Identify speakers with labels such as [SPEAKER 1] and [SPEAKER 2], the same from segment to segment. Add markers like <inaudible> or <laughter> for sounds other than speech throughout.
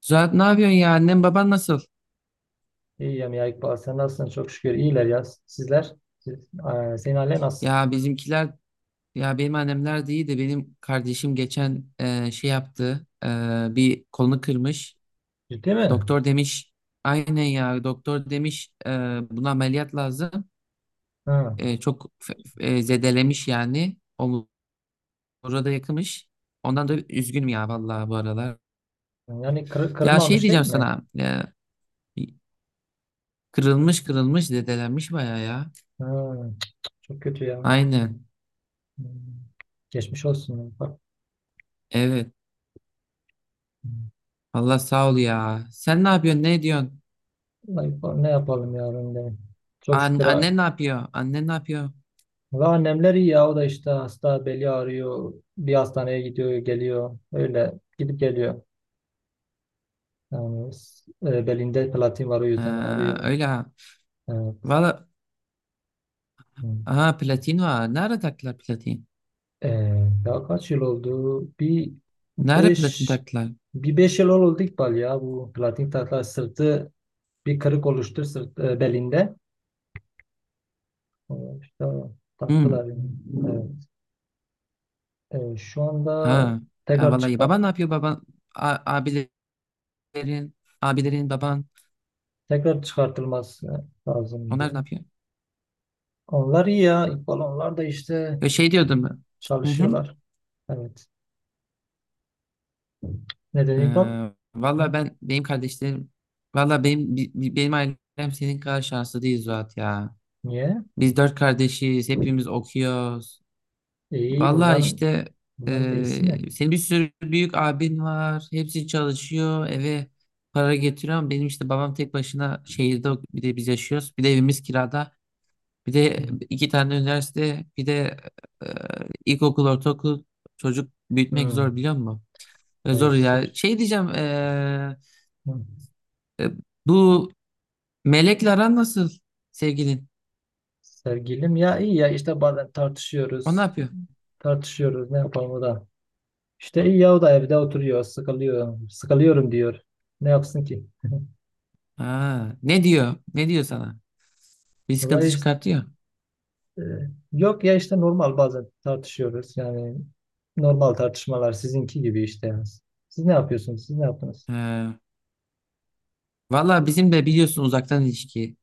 [SPEAKER 1] Zuhat, ne yapıyorsun ya? Annem, baban nasıl?
[SPEAKER 2] İyiyim ya İkbal. Sen nasılsın? Çok şükür. İyiler ya. Sizler? Senin ailen nasıl?
[SPEAKER 1] Ya bizimkiler, ya benim annemler de iyi de benim kardeşim geçen şey yaptı. Bir kolunu kırmış.
[SPEAKER 2] Ciddi mi?
[SPEAKER 1] Doktor demiş, aynen ya, doktor demiş, buna ameliyat lazım.
[SPEAKER 2] Ha.
[SPEAKER 1] Çok zedelemiş yani. Omura da yakımış. Ondan da üzgünüm ya, vallahi bu aralar. Ya şey
[SPEAKER 2] Kırılmamış değil
[SPEAKER 1] diyeceğim
[SPEAKER 2] mi?
[SPEAKER 1] sana, kırılmış, kırılmış, zedelenmiş baya ya.
[SPEAKER 2] Ha. Çok kötü ya.
[SPEAKER 1] Aynen,
[SPEAKER 2] Hmm. Geçmiş olsun ya. Bak.
[SPEAKER 1] evet.
[SPEAKER 2] Hmm.
[SPEAKER 1] Allah sağ ol ya. Sen ne yapıyorsun? Ne ediyorsun?
[SPEAKER 2] Vallahi İkbal, ne yapalım ya ben de. Çok
[SPEAKER 1] An
[SPEAKER 2] şükür. Ha.
[SPEAKER 1] annen ne yapıyor? Annen ne yapıyor?
[SPEAKER 2] Ve annemler iyi ya. O da işte hasta, beli ağrıyor. Bir hastaneye gidiyor geliyor. Öyle gidip geliyor. Belinde platin var, o yüzden
[SPEAKER 1] Ha,
[SPEAKER 2] ağrıyor.
[SPEAKER 1] öyle ha.
[SPEAKER 2] Evet.
[SPEAKER 1] Valla,
[SPEAKER 2] Hmm.
[SPEAKER 1] ha, platin var. Nerede taktılar platin?
[SPEAKER 2] Daha kaç yıl oldu?
[SPEAKER 1] Nerede platin
[SPEAKER 2] Beş
[SPEAKER 1] taktılar?
[SPEAKER 2] bir beş yıl oldu İkbal ya, bu platin takla sırtı, bir kırık oluştu belinde. Ee, İşte taktılar
[SPEAKER 1] Hmm.
[SPEAKER 2] yani. Evet. Şu
[SPEAKER 1] Ha.
[SPEAKER 2] anda
[SPEAKER 1] Ha,
[SPEAKER 2] tekrar
[SPEAKER 1] vallahi,
[SPEAKER 2] çıkar
[SPEAKER 1] baban ne yapıyor baban? A- abilerin, abilerin, baban,
[SPEAKER 2] tekrar çıkartılması
[SPEAKER 1] onlar ne
[SPEAKER 2] lazımdı.
[SPEAKER 1] yapıyor?
[SPEAKER 2] Onlar iyi ya İkbal, onlar da işte
[SPEAKER 1] Ya şey diyordum ben. Hı hı.
[SPEAKER 2] çalışıyorlar. Evet. Neden İkbal?
[SPEAKER 1] Ha, valla,
[SPEAKER 2] Hı?
[SPEAKER 1] benim kardeşlerim, valla benim benim ailem senin kadar şanslı değil, Zuhat ya.
[SPEAKER 2] Niye?
[SPEAKER 1] Biz dört kardeşiz. Hepimiz okuyoruz.
[SPEAKER 2] İyi
[SPEAKER 1] Valla
[SPEAKER 2] bundan
[SPEAKER 1] işte,
[SPEAKER 2] Bundan da iyisi ne?
[SPEAKER 1] senin bir sürü büyük abin var. Hepsi çalışıyor. Eve para getiriyor, ama benim işte babam tek başına şehirde, bir de biz yaşıyoruz. Bir de evimiz kirada. Bir
[SPEAKER 2] Hı.
[SPEAKER 1] de iki tane üniversite. Bir de eee ilkokul, ortaokul, çocuk büyütmek
[SPEAKER 2] Hı.
[SPEAKER 1] zor, biliyor musun? Ve zor
[SPEAKER 2] Evet,
[SPEAKER 1] ya.
[SPEAKER 2] sor.
[SPEAKER 1] Şey diyeceğim,
[SPEAKER 2] Hı.
[SPEAKER 1] e, bu Melek'le aran nasıl, sevgilin?
[SPEAKER 2] Sevgilim ya, iyi ya, işte bazen
[SPEAKER 1] O ne
[SPEAKER 2] tartışıyoruz.
[SPEAKER 1] yapıyor?
[SPEAKER 2] Tartışıyoruz, ne yapalım, o da. İşte iyi ya, o da evde oturuyor, sıkılıyor. Sıkılıyorum diyor. Ne yapsın ki?
[SPEAKER 1] Ha, ne diyor? Ne diyor sana? Bir sıkıntı
[SPEAKER 2] Vallahi işte,
[SPEAKER 1] çıkartıyor.
[SPEAKER 2] e, Yok ya, işte normal, bazen tartışıyoruz. Yani normal tartışmalar, sizinki gibi işte. Siz ne yapıyorsunuz? Siz ne yaptınız?
[SPEAKER 1] He. Valla, bizim de biliyorsun, uzaktan ilişki.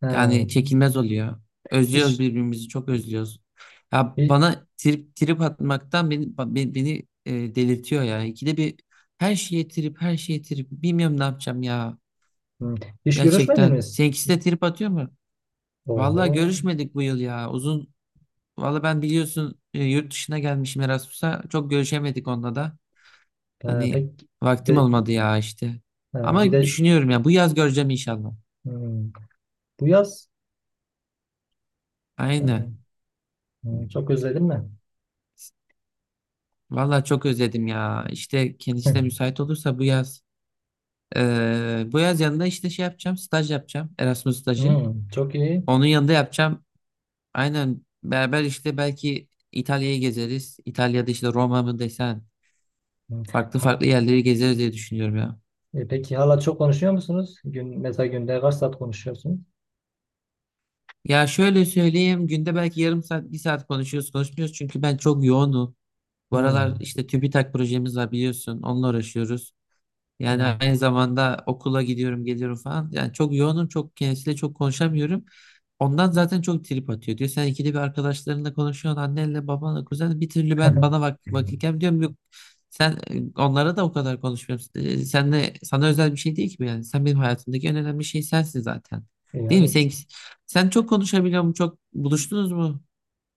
[SPEAKER 2] Ha,
[SPEAKER 1] Yani çekilmez oluyor. Özlüyoruz
[SPEAKER 2] iş,
[SPEAKER 1] birbirimizi, çok özlüyoruz. Ya
[SPEAKER 2] i-
[SPEAKER 1] bana trip trip atmaktan beni, delirtiyor ya. İkide bir her şeye trip, her şeye trip. Bilmiyorum ne yapacağım ya.
[SPEAKER 2] hı, iş
[SPEAKER 1] Gerçekten.
[SPEAKER 2] görüşmediniz.
[SPEAKER 1] Seninkisi de trip atıyor mu?
[SPEAKER 2] Oho.
[SPEAKER 1] Valla görüşmedik bu yıl ya. Uzun. Valla ben biliyorsun, yurt dışına gelmişim Erasmus'a. Çok görüşemedik onunla da.
[SPEAKER 2] Ha,
[SPEAKER 1] Hani
[SPEAKER 2] pek gide,
[SPEAKER 1] vaktim olmadı ya işte.
[SPEAKER 2] ha,
[SPEAKER 1] Ama
[SPEAKER 2] gide-
[SPEAKER 1] düşünüyorum ya, bu yaz göreceğim inşallah.
[SPEAKER 2] hı, bu yaz. Hı,
[SPEAKER 1] Aynen.
[SPEAKER 2] hı, çok özledin mi?
[SPEAKER 1] Vallahi çok özledim ya. İşte kendisi de
[SPEAKER 2] <laughs>
[SPEAKER 1] müsait olursa bu yaz. Bu yaz yanında işte şey yapacağım. Staj yapacağım. Erasmus stajı.
[SPEAKER 2] Hmm, çok iyi.
[SPEAKER 1] Onun yanında yapacağım. Aynen beraber, işte belki İtalya'yı gezeriz. İtalya'da işte, Roma mı desen.
[SPEAKER 2] Hmm.
[SPEAKER 1] Farklı
[SPEAKER 2] Ha,
[SPEAKER 1] farklı yerleri gezeriz diye düşünüyorum ya.
[SPEAKER 2] peki hala çok konuşuyor musunuz? Mesela günde kaç saat konuşuyorsunuz?
[SPEAKER 1] Ya şöyle söyleyeyim. Günde belki yarım saat, bir saat konuşuyoruz, konuşmuyoruz. Çünkü ben çok yoğunum. Bu
[SPEAKER 2] Hmm,
[SPEAKER 1] aralar işte TÜBİTAK projemiz var biliyorsun. Onunla uğraşıyoruz. Yani
[SPEAKER 2] hmm.
[SPEAKER 1] aynı zamanda okula gidiyorum, geliyorum falan. Yani çok yoğunum, çok kendisiyle çok konuşamıyorum. Ondan zaten çok trip atıyor. Diyor sen ikide bir arkadaşlarınla konuşuyorsun, annenle, babanla, kuzenle. Bir türlü ben bana
[SPEAKER 2] <laughs>
[SPEAKER 1] vakit gelmiyor. Diyorum yok. Sen, onlara da o kadar konuşmuyorum. Sen de sana özel bir şey değil ki bu yani. Sen benim hayatımdaki en önemli şey sensin zaten.
[SPEAKER 2] E
[SPEAKER 1] Değil mi?
[SPEAKER 2] yani,
[SPEAKER 1] Sen çok konuşabiliyor musun? Çok buluştunuz mu?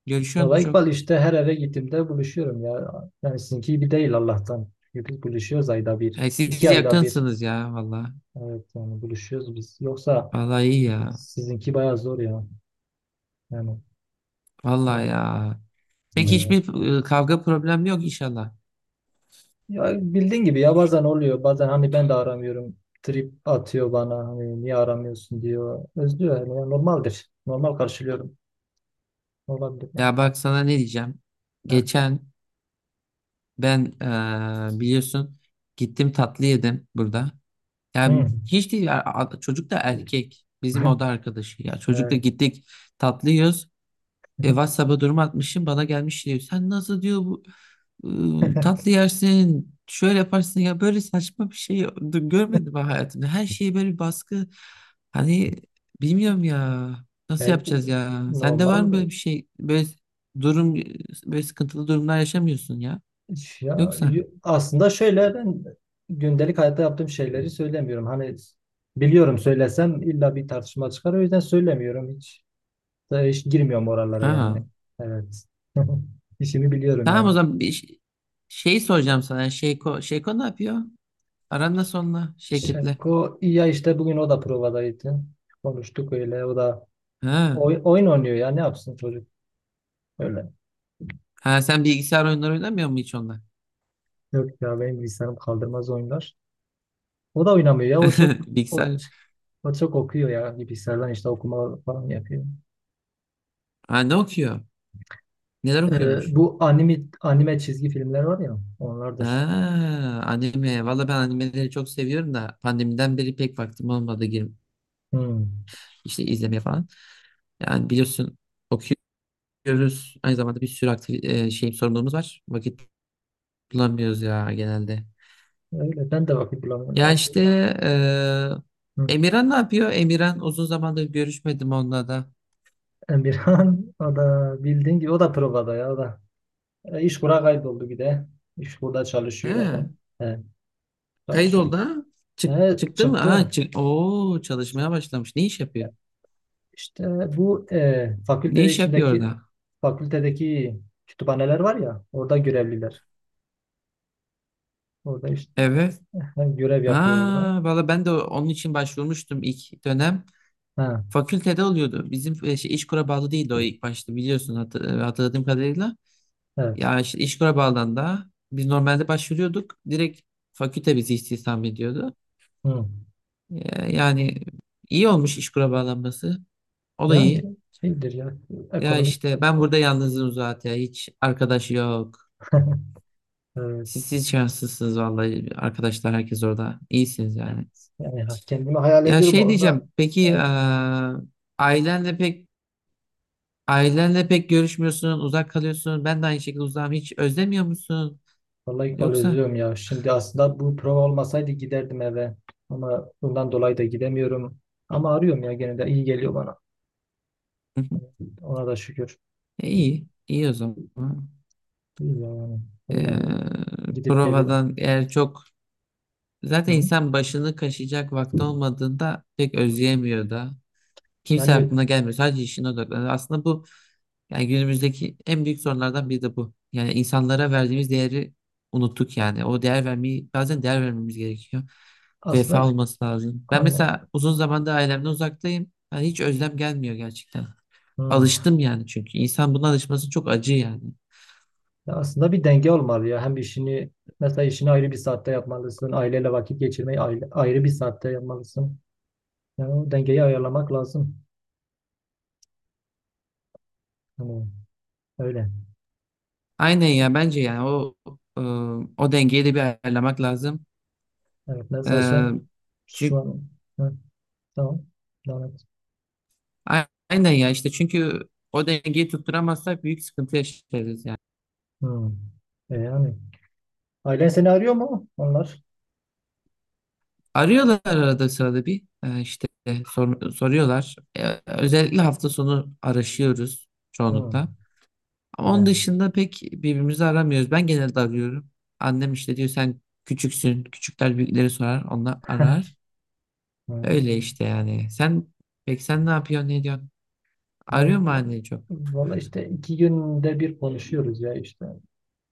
[SPEAKER 1] Görüşüyor musun
[SPEAKER 2] valla
[SPEAKER 1] çok?
[SPEAKER 2] İkbal, işte her eve gittiğimde buluşuyorum ya. Yani sizinki gibi değil Allah'tan. Çünkü biz buluşuyoruz ayda bir,
[SPEAKER 1] Yani
[SPEAKER 2] iki
[SPEAKER 1] siz
[SPEAKER 2] ayda bir.
[SPEAKER 1] yakınsınız ya, valla.
[SPEAKER 2] Evet, yani buluşuyoruz biz. Yoksa
[SPEAKER 1] Vallahi iyi ya.
[SPEAKER 2] sizinki bayağı zor ya. Yani ne
[SPEAKER 1] Vallahi
[SPEAKER 2] diyeyim.
[SPEAKER 1] ya. Peki
[SPEAKER 2] Hmm.
[SPEAKER 1] hiçbir kavga problemi yok inşallah.
[SPEAKER 2] Ya bildiğin gibi ya, bazen oluyor, bazen hani ben de aramıyorum, trip atıyor bana, hani niye aramıyorsun diyor, özlüyor yani. Ya normaldir, normal karşılıyorum, olabilir yani.
[SPEAKER 1] Ya bak sana ne diyeceğim.
[SPEAKER 2] Heh.
[SPEAKER 1] Geçen ben, biliyorsun, gittim tatlı yedim burada. Yani
[SPEAKER 2] Hı.
[SPEAKER 1] hiç değil ya, çocuk da erkek. Bizim oda arkadaşı
[SPEAKER 2] <laughs>
[SPEAKER 1] ya. Çocukla
[SPEAKER 2] Evet.
[SPEAKER 1] gittik tatlı yiyoruz. WhatsApp'a durum atmışım, bana gelmiş diyor. Sen nasıl diyor bu,
[SPEAKER 2] <laughs>
[SPEAKER 1] tatlı yersin şöyle yaparsın ya, böyle saçma bir şey görmedim ben hayatımda. Her şeye böyle bir baskı. Hani bilmiyorum ya nasıl
[SPEAKER 2] Yani
[SPEAKER 1] yapacağız ya. Sende var mı böyle
[SPEAKER 2] normal.
[SPEAKER 1] bir şey, böyle durum, böyle sıkıntılı durumlar yaşamıyorsun ya, yoksa?
[SPEAKER 2] Aslında şöyle, ben gündelik hayatta yaptığım şeyleri söylemiyorum. Hani biliyorum, söylesem illa bir tartışma çıkar, o yüzden söylemiyorum, hiç girmiyorum oralara
[SPEAKER 1] Ha,
[SPEAKER 2] yani. Evet. <laughs> İşimi biliyorum
[SPEAKER 1] tamam
[SPEAKER 2] yani.
[SPEAKER 1] o zaman, şey soracağım sana. Şeyko ne yapıyor? Aran nasıl onunla, şirketle?
[SPEAKER 2] Şevko iyi ya, işte bugün o da provadaydı. Konuştuk öyle, o da
[SPEAKER 1] Ha.
[SPEAKER 2] oyun oynuyor ya, ne yapsın çocuk, öyle.
[SPEAKER 1] Ha, sen bilgisayar oyunları oynamıyor mu hiç onunla?
[SPEAKER 2] Yok ya, benim bilgisayarım kaldırmaz oyunlar. O da oynamıyor ya,
[SPEAKER 1] <laughs> Bilgisayar.
[SPEAKER 2] o çok okuyor ya, bilgisayardan işte okuma falan yapıyor.
[SPEAKER 1] Ha, ne okuyor? Neler okuyormuş?
[SPEAKER 2] Bu anime çizgi filmler var ya, onlardır.
[SPEAKER 1] Ha, anime. Valla ben animeleri çok seviyorum da pandemiden beri pek vaktim olmadı girip
[SPEAKER 2] Hmm.
[SPEAKER 1] işte izlemeye falan. Yani biliyorsun okuyoruz. Aynı zamanda bir sürü aktif şey sorumluluğumuz var. Vakit bulamıyoruz ya genelde.
[SPEAKER 2] Öyle, ben de vakit bulamıyorum
[SPEAKER 1] Ya işte,
[SPEAKER 2] aslında. Hı.
[SPEAKER 1] Emirhan ne yapıyor? Emirhan, uzun zamandır görüşmedim onunla da.
[SPEAKER 2] Emirhan <laughs> o da bildiğin gibi, o da provada ya o da. İşkur'a kayboldu bir de. İşkur'da çalışıyor
[SPEAKER 1] He,
[SPEAKER 2] adam. He,
[SPEAKER 1] kayıt
[SPEAKER 2] çalışıyor.
[SPEAKER 1] oldu ha? Çık, çıktı mı? Ha,
[SPEAKER 2] Çıktı.
[SPEAKER 1] çık. Oo, çalışmaya başlamış. Ne iş yapıyor?
[SPEAKER 2] İşte bu
[SPEAKER 1] Ne iş yapıyor orada?
[SPEAKER 2] fakültedeki kütüphaneler var ya, orada görevliler. Orada işte
[SPEAKER 1] Evet.
[SPEAKER 2] <laughs> görev yapıyor orada.
[SPEAKER 1] Ha, valla ben de onun için başvurmuştum ilk dönem.
[SPEAKER 2] Ha,
[SPEAKER 1] Fakültede oluyordu. Bizim, şey, İşkur'a bağlı değildi o ilk başta, biliyorsun, hatırladığım kadarıyla.
[SPEAKER 2] evet.
[SPEAKER 1] Ya işte İşkur'a bağlandığında biz normalde başvuruyorduk. Direkt fakülte bizi istihdam ediyordu.
[SPEAKER 2] Hı.
[SPEAKER 1] Yani iyi olmuş İşkur'a bağlanması. O da iyi.
[SPEAKER 2] Yani iyidir ya.
[SPEAKER 1] Ya
[SPEAKER 2] Ekonomik
[SPEAKER 1] işte ben
[SPEAKER 2] açıdan.
[SPEAKER 1] burada yalnızım zaten. Hiç arkadaş yok.
[SPEAKER 2] <laughs>
[SPEAKER 1] Siz,
[SPEAKER 2] Evet.
[SPEAKER 1] siz şanslısınız vallahi. Arkadaşlar, herkes orada. İyisiniz yani.
[SPEAKER 2] Yani ha- kendimi hayal
[SPEAKER 1] Ya
[SPEAKER 2] ediyorum
[SPEAKER 1] şey
[SPEAKER 2] orada.
[SPEAKER 1] diyeceğim. Peki,
[SPEAKER 2] Evet.
[SPEAKER 1] Ailenle pek ailenle pek görüşmüyorsun, uzak kalıyorsun. Ben de aynı şekilde uzağım. Hiç özlemiyor musun,
[SPEAKER 2] Vallahi İkbal,
[SPEAKER 1] yoksa?
[SPEAKER 2] özlüyorum ya. Şimdi aslında bu prova olmasaydı giderdim eve. Ama bundan dolayı da gidemiyorum. Ama arıyorum ya, gene de iyi geliyor bana.
[SPEAKER 1] Hı hı.
[SPEAKER 2] Ona da şükür.
[SPEAKER 1] E, iyi, iyi o zaman.
[SPEAKER 2] İyi yani, öyle,
[SPEAKER 1] Ee,
[SPEAKER 2] evet. Gidip geliyor.
[SPEAKER 1] provadan eğer çok, zaten
[SPEAKER 2] Hı.
[SPEAKER 1] insan başını kaşıyacak vakti olmadığında pek özleyemiyor da. Kimse
[SPEAKER 2] Yani
[SPEAKER 1] aklına gelmiyor. Sadece işine odaklanıyor. Aslında bu, yani günümüzdeki en büyük sorunlardan biri de bu. Yani insanlara verdiğimiz değeri unuttuk yani. O değer vermeyi, bazen değer vermemiz gerekiyor.
[SPEAKER 2] aslında
[SPEAKER 1] Vefa olması lazım. Ben
[SPEAKER 2] hani,
[SPEAKER 1] mesela uzun zamandır ailemden uzaktayım. Yani hiç özlem gelmiyor gerçekten.
[SPEAKER 2] hı.
[SPEAKER 1] Alıştım yani çünkü. İnsan buna alışması çok acı yani.
[SPEAKER 2] Ya aslında bir denge olmalı ya. Hem işini Mesela işini ayrı bir saatte yapmalısın, aileyle vakit geçirmeyi ayrı bir saatte yapmalısın. Yani o dengeyi ayarlamak lazım. Hani öyle.
[SPEAKER 1] Aynen ya, bence yani e, o dengeyi de bir ayarlamak lazım.
[SPEAKER 2] Evet, mesela sen şu
[SPEAKER 1] çünkü,
[SPEAKER 2] an, hı, tamam. Devam et.
[SPEAKER 1] aynen ya işte çünkü o dengeyi tutturamazsak büyük sıkıntı yaşarız yani.
[SPEAKER 2] Hı. E yani, ailen seni arıyor mu onlar?
[SPEAKER 1] Arıyorlar arada sırada bir, işte soruyorlar. Özellikle hafta sonu araşıyoruz
[SPEAKER 2] Hı.
[SPEAKER 1] çoğunlukla. Ama onun
[SPEAKER 2] Evet.
[SPEAKER 1] dışında pek birbirimizi aramıyoruz. Ben genelde arıyorum. Annem işte diyor, sen küçüksün. Küçükler büyükleri sorar. Onlar arar.
[SPEAKER 2] <laughs> Hı.
[SPEAKER 1] Öyle işte yani. Peki sen ne yapıyorsun, ne diyorsun? Arıyor mu annen çok?
[SPEAKER 2] Valla işte iki günde bir konuşuyoruz ya işte.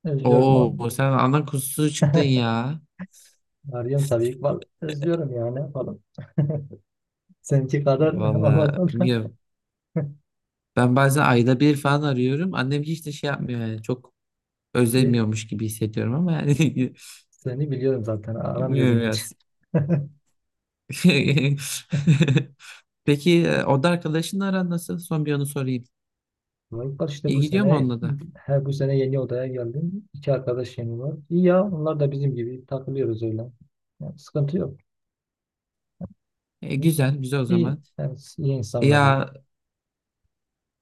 [SPEAKER 2] Özlüyorum onu.
[SPEAKER 1] Oo, sen ana kuzusu çıktın
[SPEAKER 2] <laughs>
[SPEAKER 1] ya.
[SPEAKER 2] Arıyorum tabii ki. Vallahi özlüyorum ya, ne yapalım. Seninki kadar <laughs>
[SPEAKER 1] Valla
[SPEAKER 2] olmasa da.
[SPEAKER 1] bilmiyorum. Ben bazen ayda bir falan arıyorum. Annem hiç de şey yapmıyor yani. Çok
[SPEAKER 2] E,
[SPEAKER 1] özlemiyormuş gibi hissediyorum ama yani, <laughs>
[SPEAKER 2] Seni biliyorum zaten.
[SPEAKER 1] bilmiyorum
[SPEAKER 2] Aramıyordun
[SPEAKER 1] ya.
[SPEAKER 2] hiç.
[SPEAKER 1] <laughs> Peki, oda arkadaşınla aran nasıl? Son bir onu sorayım.
[SPEAKER 2] Vallahi bak, işte
[SPEAKER 1] İyi
[SPEAKER 2] bu
[SPEAKER 1] gidiyor mu
[SPEAKER 2] sene
[SPEAKER 1] onunla da?
[SPEAKER 2] bu sene yeni odaya geldim. İki arkadaş yeni var. İyi ya, onlar da bizim gibi takılıyoruz öyle. Yani sıkıntı yok.
[SPEAKER 1] Güzel, güzel o
[SPEAKER 2] İyi,
[SPEAKER 1] zaman.
[SPEAKER 2] yani iyi
[SPEAKER 1] E,
[SPEAKER 2] insanlar ya.
[SPEAKER 1] ya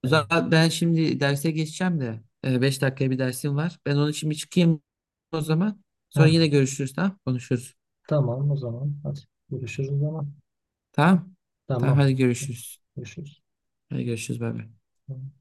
[SPEAKER 2] Evet.
[SPEAKER 1] zaten ben şimdi derse geçeceğim de, 5 dakikaya bir dersim var. Ben onun için bir çıkayım o zaman. Sonra
[SPEAKER 2] Heh,
[SPEAKER 1] yine görüşürüz, tamam? Konuşuruz.
[SPEAKER 2] tamam o zaman. Hadi görüşürüz o zaman.
[SPEAKER 1] Tamam? Tamam,
[SPEAKER 2] Tamam.
[SPEAKER 1] hadi görüşürüz.
[SPEAKER 2] Görüşürüz.
[SPEAKER 1] Hadi görüşürüz, bay bay.
[SPEAKER 2] Tamam.